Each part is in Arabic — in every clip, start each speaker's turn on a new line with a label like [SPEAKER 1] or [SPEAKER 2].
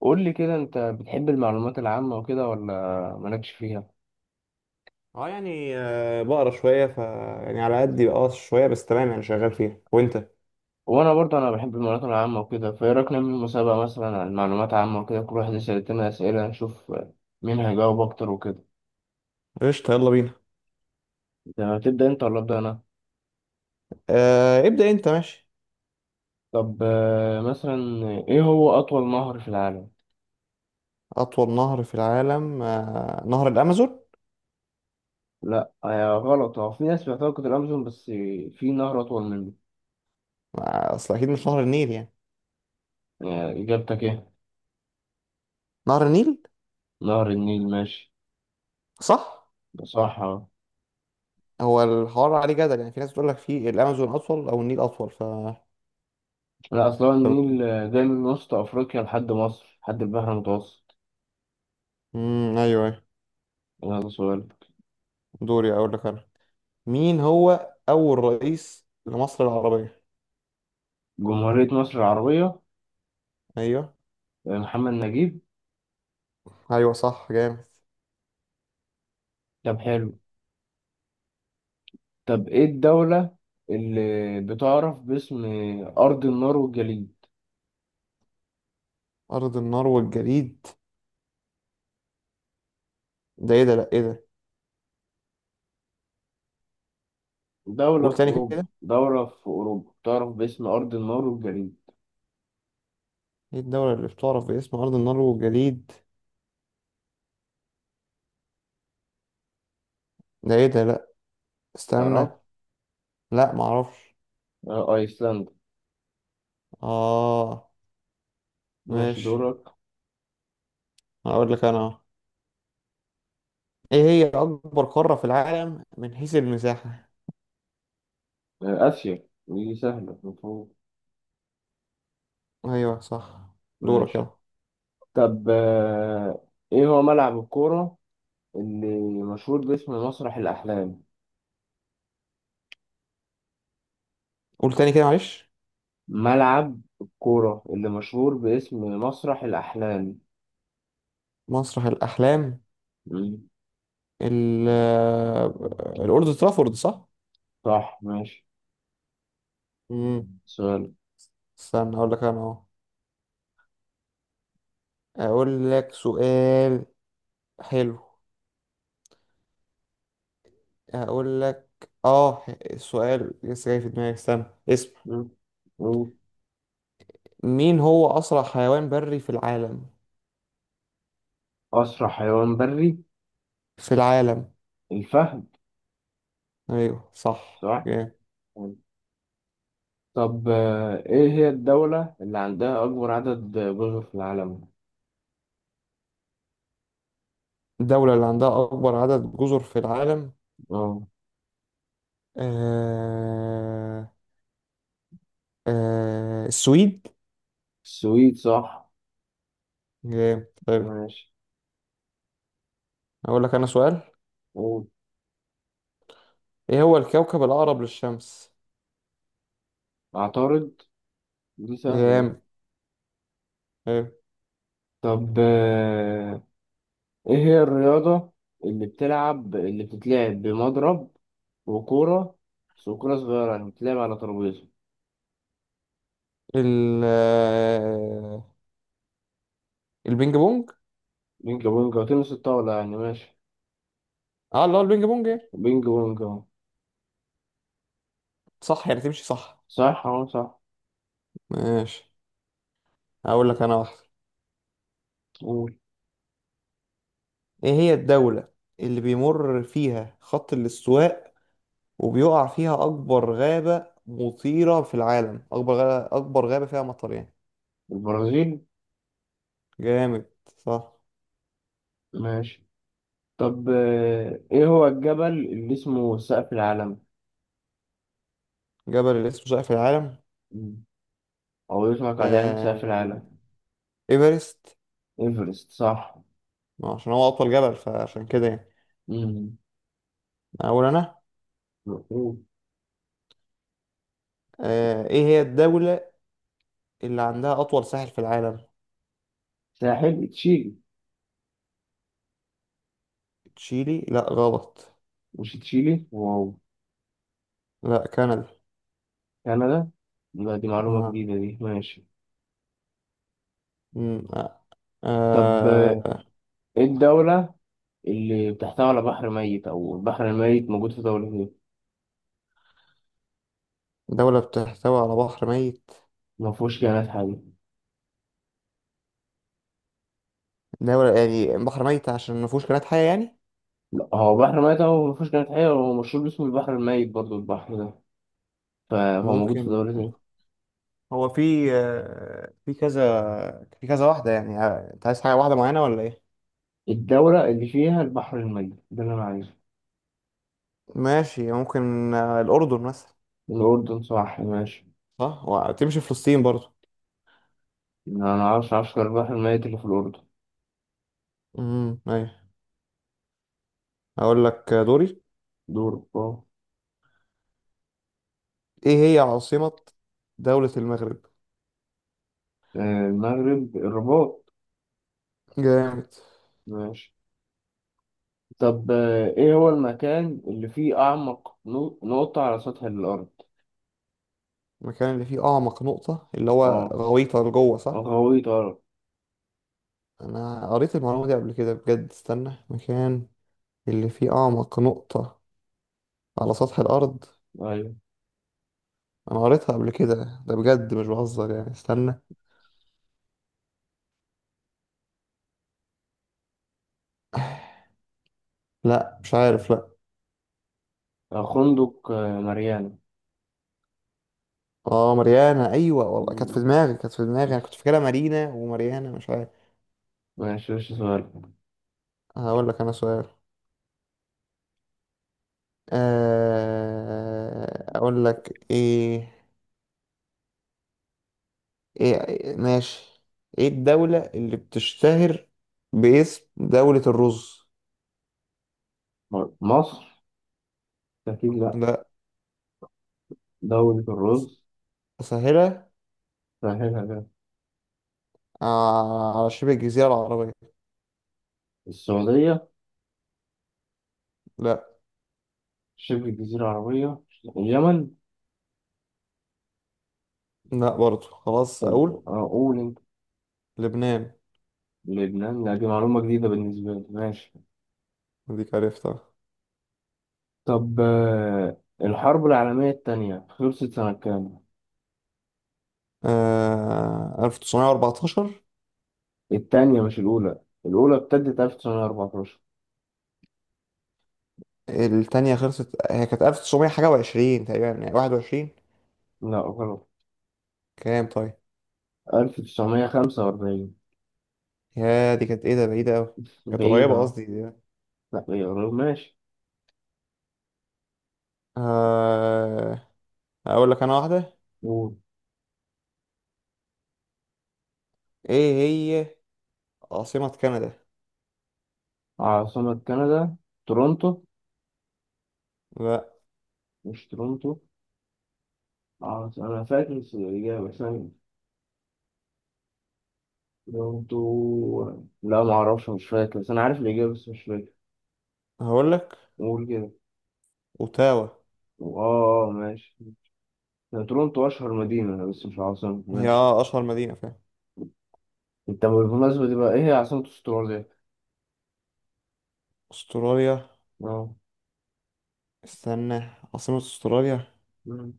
[SPEAKER 1] قول لي كده انت بتحب المعلومات العامة وكده ولا مالكش فيها؟
[SPEAKER 2] بقرا شوية يعني على قدي شوية بس تمام يعني شغال فيها. وانت؟
[SPEAKER 1] وانا برضه بحب المعلومات العامة وكده، فايه رأيك نعمل مسابقة مثلا عن المعلومات العامة وكده، كل واحد يسأل التاني أسئلة نشوف مين هيجاوب اكتر وكده.
[SPEAKER 2] قشطة، يلا بينا.
[SPEAKER 1] تمام، تبدأ انت ولا ابدأ انا؟
[SPEAKER 2] آه، ابدأ انت. ماشي.
[SPEAKER 1] طب مثلا ايه هو اطول نهر في العالم؟
[SPEAKER 2] أطول نهر في العالم نهر الأمازون.
[SPEAKER 1] لا غلط، هو في ناس بتعتقد الامازون، بس في نهر اطول منه.
[SPEAKER 2] أصل أكيد مش نهر النيل يعني.
[SPEAKER 1] اجابتك ايه؟
[SPEAKER 2] نهر النيل.
[SPEAKER 1] نهر النيل، ماشي.
[SPEAKER 2] صح.
[SPEAKER 1] صح.
[SPEAKER 2] هو الحوار عليه جدل، يعني في ناس بتقول لك في الأمازون أطول أو النيل أطول.
[SPEAKER 1] لا اصلا
[SPEAKER 2] ف-
[SPEAKER 1] النيل جاي من وسط افريقيا لحد مصر لحد البحر المتوسط.
[SPEAKER 2] أيوه أيوه.
[SPEAKER 1] يلا سؤال.
[SPEAKER 2] دوري أقول لك أنا. مين هو أول رئيس لمصر العربية؟
[SPEAKER 1] جمهورية مصر العربية.
[SPEAKER 2] أيوه.
[SPEAKER 1] محمد نجيب.
[SPEAKER 2] أيوه صح، جامد.
[SPEAKER 1] طب حلو. طب ايه الدولة اللي بتعرف باسم أرض النار والجليد؟
[SPEAKER 2] أرض النار والجليد. ده إيه ده؟ لأ إيه ده.
[SPEAKER 1] دولة
[SPEAKER 2] قول
[SPEAKER 1] في
[SPEAKER 2] تاني
[SPEAKER 1] أوروبا،
[SPEAKER 2] كده.
[SPEAKER 1] دولة في أوروبا تعرف باسم أرض النار والجليد.
[SPEAKER 2] ايه الدولة اللي بتعرف باسم أرض النار والجليد؟ ده ايه ده؟ لأ،
[SPEAKER 1] تعرف؟
[SPEAKER 2] استنى. لأ، معرفش.
[SPEAKER 1] أيسلندا.
[SPEAKER 2] اه،
[SPEAKER 1] ماشي،
[SPEAKER 2] ماشي.
[SPEAKER 1] دورك.
[SPEAKER 2] هقول لك أنا أهو. ايه هي أكبر قارة في العالم من حيث المساحة؟
[SPEAKER 1] آسيا، دي سهلة مفروض.
[SPEAKER 2] أيوه صح. دورك
[SPEAKER 1] ماشي.
[SPEAKER 2] يلا.
[SPEAKER 1] طب ايه هو ملعب الكورة اللي مشهور باسم مسرح الأحلام؟
[SPEAKER 2] قول تاني كده، معلش.
[SPEAKER 1] ملعب الكورة اللي مشهور باسم مسرح الأحلام.
[SPEAKER 2] مسرح الأحلام.
[SPEAKER 1] مم.
[SPEAKER 2] ال الأولد ترافورد، صح؟
[SPEAKER 1] صح، ماشي.
[SPEAKER 2] مم.
[SPEAKER 1] سؤال.
[SPEAKER 2] استنى أقول لك أنا أهو. أقول لك سؤال حلو. أقول لك، اه السؤال لسه جاي في دماغي، استنى اسم.
[SPEAKER 1] مم. مم.
[SPEAKER 2] مين هو أسرع حيوان بري في العالم؟
[SPEAKER 1] أسرع حيوان بري.
[SPEAKER 2] في العالم.
[SPEAKER 1] الفهد.
[SPEAKER 2] أيوه صح،
[SPEAKER 1] صح.
[SPEAKER 2] جامد.
[SPEAKER 1] مم. طب إيه هي الدولة اللي عندها أكبر عدد جزر في العالم؟
[SPEAKER 2] الدولة اللي عندها أكبر عدد جزر في العالم.
[SPEAKER 1] اه.
[SPEAKER 2] آه... السويد.
[SPEAKER 1] السويد، صح.
[SPEAKER 2] جامد، طيب.
[SPEAKER 1] ماشي.
[SPEAKER 2] أقول لك أنا سؤال.
[SPEAKER 1] قول.
[SPEAKER 2] إيه هو الكوكب الأقرب للشمس؟
[SPEAKER 1] عطارد، دي سهلة دي.
[SPEAKER 2] جامد، طيب.
[SPEAKER 1] طب إيه هي الرياضة اللي بتلعب، اللي بتتلعب بمضرب وكورة، بس وكورة صغيرة يعني، بتلعب على ترابيزة؟
[SPEAKER 2] ال آه، البينج بونج.
[SPEAKER 1] بينج بونج وتنس الطاولة يعني، ماشي.
[SPEAKER 2] اه لا، البينج بونج إيه؟
[SPEAKER 1] بينج بونج أهو.
[SPEAKER 2] صح، يعني تمشي صح.
[SPEAKER 1] صح، اه صح.
[SPEAKER 2] ماشي. أقول لك أنا واحدة.
[SPEAKER 1] قول.
[SPEAKER 2] إيه هي الدولة اللي بيمر فيها خط الاستواء وبيقع فيها أكبر غابة مطيرة في العالم، أكبر غابة، أكبر غابة فيها مطرين؟
[SPEAKER 1] البرازيل.
[SPEAKER 2] جامد، صح.
[SPEAKER 1] ماشي. طب ايه هو الجبل اللي اسمه سقف العالم؟
[SPEAKER 2] جبل اللي اسمه شائع في العالم؟
[SPEAKER 1] مم. او يطلق عليه يعني سقف العالم.
[SPEAKER 2] آه... إيفرست.
[SPEAKER 1] ايفرست، صح.
[SPEAKER 2] ما عشان هو أطول جبل، فعشان كده يعني.
[SPEAKER 1] مم.
[SPEAKER 2] أقول أنا.
[SPEAKER 1] قول.
[SPEAKER 2] إيه هي الدولة اللي عندها أطول ساحل في العالم؟
[SPEAKER 1] ساحل تشيلي.
[SPEAKER 2] تشيلي لا غلط.
[SPEAKER 1] مش تشيلي، واو.
[SPEAKER 2] لا، كندا.
[SPEAKER 1] كندا، لا دي معلومة
[SPEAKER 2] آه.
[SPEAKER 1] جديدة دي، ماشي.
[SPEAKER 2] مم، آه.
[SPEAKER 1] طب
[SPEAKER 2] آه،
[SPEAKER 1] ايه الدولة اللي بتحتوي على بحر ميت، او البحر الميت موجود في دولة ايه؟
[SPEAKER 2] دولة بتحتوي على بحر ميت.
[SPEAKER 1] ما فيهوش كائنات حية.
[SPEAKER 2] دولة يعني بحر ميت عشان ما فيهوش كائنات حية يعني.
[SPEAKER 1] لا هو بحر ميت او ما فيهوش كائنات حية، هو مشهور باسم البحر الميت برضو البحر ده، فهو موجود في
[SPEAKER 2] ممكن.
[SPEAKER 1] دولة ايه؟
[SPEAKER 2] هو في في كذا، في كذا واحدة يعني، انت عايز حاجة واحدة معينة ولا ايه؟
[SPEAKER 1] الدولة اللي فيها البحر الميت ده اللي أنا عايزه.
[SPEAKER 2] ماشي، ممكن الأردن مثلا.
[SPEAKER 1] الأردن، صح، ماشي.
[SPEAKER 2] صح، وتمشي فلسطين برضه.
[SPEAKER 1] أنا معرفش عسكر البحر الميت اللي في الأردن.
[SPEAKER 2] ايوه. هقول لك، دوري.
[SPEAKER 1] دور اه.
[SPEAKER 2] ايه هي عاصمة دولة المغرب؟
[SPEAKER 1] آه، المغرب، الرباط.
[SPEAKER 2] جامد.
[SPEAKER 1] ماشي. طب إيه هو المكان اللي فيه أعمق نقطة على سطح الأرض؟
[SPEAKER 2] المكان اللي فيه أعمق نقطة، اللي هو
[SPEAKER 1] اه.
[SPEAKER 2] غويطة لجوه، صح؟
[SPEAKER 1] غويط أرض.
[SPEAKER 2] أنا قريت المعلومة دي قبل كده، بجد. استنى. مكان اللي فيه أعمق نقطة على سطح الأرض.
[SPEAKER 1] أيوة.
[SPEAKER 2] أنا قريتها قبل كده، ده بجد مش بهزر يعني. استنى. لا، مش عارف، لا.
[SPEAKER 1] خندق ماريانا.
[SPEAKER 2] اه، مريانة. ايوه والله، كانت في
[SPEAKER 1] م-
[SPEAKER 2] دماغي، كانت في دماغي،
[SPEAKER 1] م-
[SPEAKER 2] انا كنت فاكرها مارينا ومريانة، مش عارف.
[SPEAKER 1] ماشي ماشي. سؤال.
[SPEAKER 2] هقول لك انا سؤال. اقول لك ايه. ايه. ماشي. ايه الدولة اللي بتشتهر باسم دولة الرز؟
[SPEAKER 1] مصر. أكيد لأ.
[SPEAKER 2] لا.
[SPEAKER 1] دولة
[SPEAKER 2] أس-
[SPEAKER 1] الرز.
[SPEAKER 2] اسهلها.
[SPEAKER 1] سهلها ده.
[SPEAKER 2] على شبه الجزيرة العربية.
[SPEAKER 1] السعودية.
[SPEAKER 2] لا.
[SPEAKER 1] شبه جزيرة عربية. اليمن.
[SPEAKER 2] لا برضو، خلاص
[SPEAKER 1] طب
[SPEAKER 2] اقول.
[SPEAKER 1] أقول أنت.
[SPEAKER 2] لبنان.
[SPEAKER 1] لبنان، لا دي معلومة جديدة بالنسبة لي، ماشي.
[SPEAKER 2] ديك عرفتها.
[SPEAKER 1] طب الحرب العالمية التانية خلصت سنة كام؟
[SPEAKER 2] آه، 1914.
[SPEAKER 1] التانية مش الأولى، الأولى ابتدت 1914.
[SPEAKER 2] التانية خلصت، هي كانت 1900 حاجة وعشرين تقريبا، يعني 21.
[SPEAKER 1] لا غلط.
[SPEAKER 2] كام طيب؟
[SPEAKER 1] 1945.
[SPEAKER 2] يا دي كانت ايه، ده بعيدة أوي. كانت
[SPEAKER 1] بعيدة
[SPEAKER 2] قريبة
[SPEAKER 1] أهو.
[SPEAKER 2] قصدي دي.
[SPEAKER 1] لا هي قريبة. ماشي.
[SPEAKER 2] آه... أقول لك أنا واحدة.
[SPEAKER 1] قول.
[SPEAKER 2] ايه هي عاصمة كندا؟
[SPEAKER 1] عاصمة كندا. تورونتو.
[SPEAKER 2] لا.
[SPEAKER 1] مش تورونتو؟ أنا فاكر الإجابة، بس أنا تورونتو، لا معرفش، مش فاكر، بس أنا عارف الإجابة بس مش فاكر.
[SPEAKER 2] هقول لك.
[SPEAKER 1] قول كده.
[SPEAKER 2] أوتاوا.
[SPEAKER 1] اه ماشي. هي تورونتو اشهر مدينة بس مش عاصمة،
[SPEAKER 2] هي
[SPEAKER 1] ماشي.
[SPEAKER 2] أشهر مدينة فعلا.
[SPEAKER 1] انت بالمناسبة دي بقى، ايه هي عاصمة استراليا؟
[SPEAKER 2] أستراليا.
[SPEAKER 1] اه.
[SPEAKER 2] استنى، عاصمة أستراليا.
[SPEAKER 1] مم.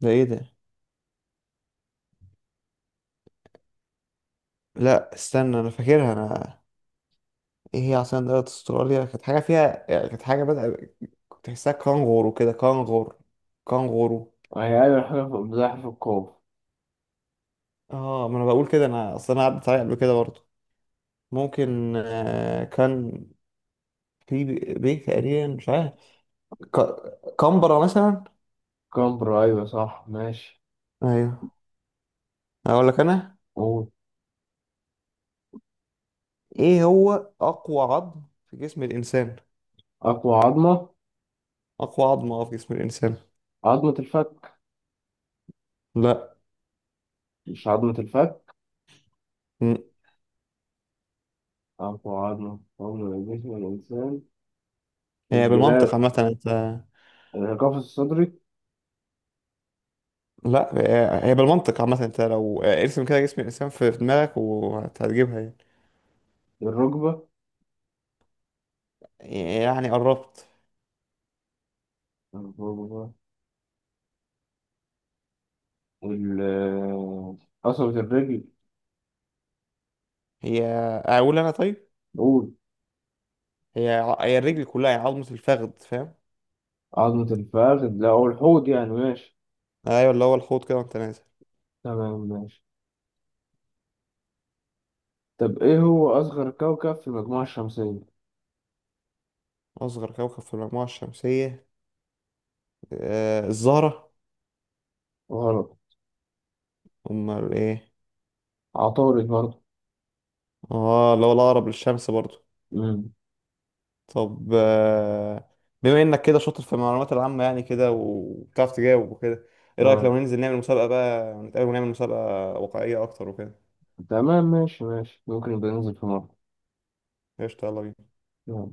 [SPEAKER 2] ده ايه ده؟ لا استنى، أنا فاكرها أنا. ايه هي عاصمة دولة أستراليا؟ كانت حاجة فيها يعني، كانت حاجة بدأ، كنت تحسها كانغورو كده، كانغور، كانغورو.
[SPEAKER 1] هي ايوه حاجة في زي حرف القاف.
[SPEAKER 2] اه، ما انا بقول كده، انا اصل انا عدت عليا قبل كده برضه. ممكن كان في بيت تقريبا، مش عارف. كمبرة مثلا.
[SPEAKER 1] كامبرا، ايوه صح، ماشي.
[SPEAKER 2] ايوه. اقول لك انا.
[SPEAKER 1] قول.
[SPEAKER 2] ايه هو اقوى عظم في جسم الانسان؟
[SPEAKER 1] اقوى عظمة.
[SPEAKER 2] اقوى عظمة في جسم الانسان.
[SPEAKER 1] عظمة الفك.
[SPEAKER 2] لا.
[SPEAKER 1] مش عظمة الفك.
[SPEAKER 2] م.
[SPEAKER 1] اقوى عظمة، عظمة جسم الانسان.
[SPEAKER 2] هي بالمنطق
[SPEAKER 1] الجلال.
[SPEAKER 2] عامة، انت.
[SPEAKER 1] القفص الصدري.
[SPEAKER 2] لا، هي هي بالمنطق عامة، انت لو ارسم كده جسم الانسان في دماغك وهتجيبها يعني.
[SPEAKER 1] الركبة.
[SPEAKER 2] يعني قربت.
[SPEAKER 1] الركبة وال قصبة الرجل.
[SPEAKER 2] هي اقول انا طيب.
[SPEAKER 1] قول.
[SPEAKER 2] هي هي الرجل كلها، هي عظمة الفخذ، فاهم؟
[SPEAKER 1] عظمة الفخذ، لا هو الحوض يعني، ماشي.
[SPEAKER 2] ايوه، اللي هو الحوت كده وانت نازل.
[SPEAKER 1] تمام، ماشي. طب ايه هو اصغر كوكب في المجموعة الشمسية؟
[SPEAKER 2] اصغر كوكب في المجموعه الشمسيه الزهره.
[SPEAKER 1] غلط.
[SPEAKER 2] امال ايه؟
[SPEAKER 1] عطارد برضه.
[SPEAKER 2] اه، اللي هو الاقرب للشمس برضو.
[SPEAKER 1] امم،
[SPEAKER 2] طب بما انك كده شاطر في المعلومات العامه يعني كده وبتعرف تجاوب وكده، ايه رايك
[SPEAKER 1] اه.
[SPEAKER 2] لو ننزل نعمل مسابقه بقى، نتقابل ونعمل مسابقه واقعيه اكتر وكده؟
[SPEAKER 1] تمام، ماشي ماشي، ممكن يبقى ننزل في مرة.
[SPEAKER 2] قشطه، يلا بينا.
[SPEAKER 1] يلا.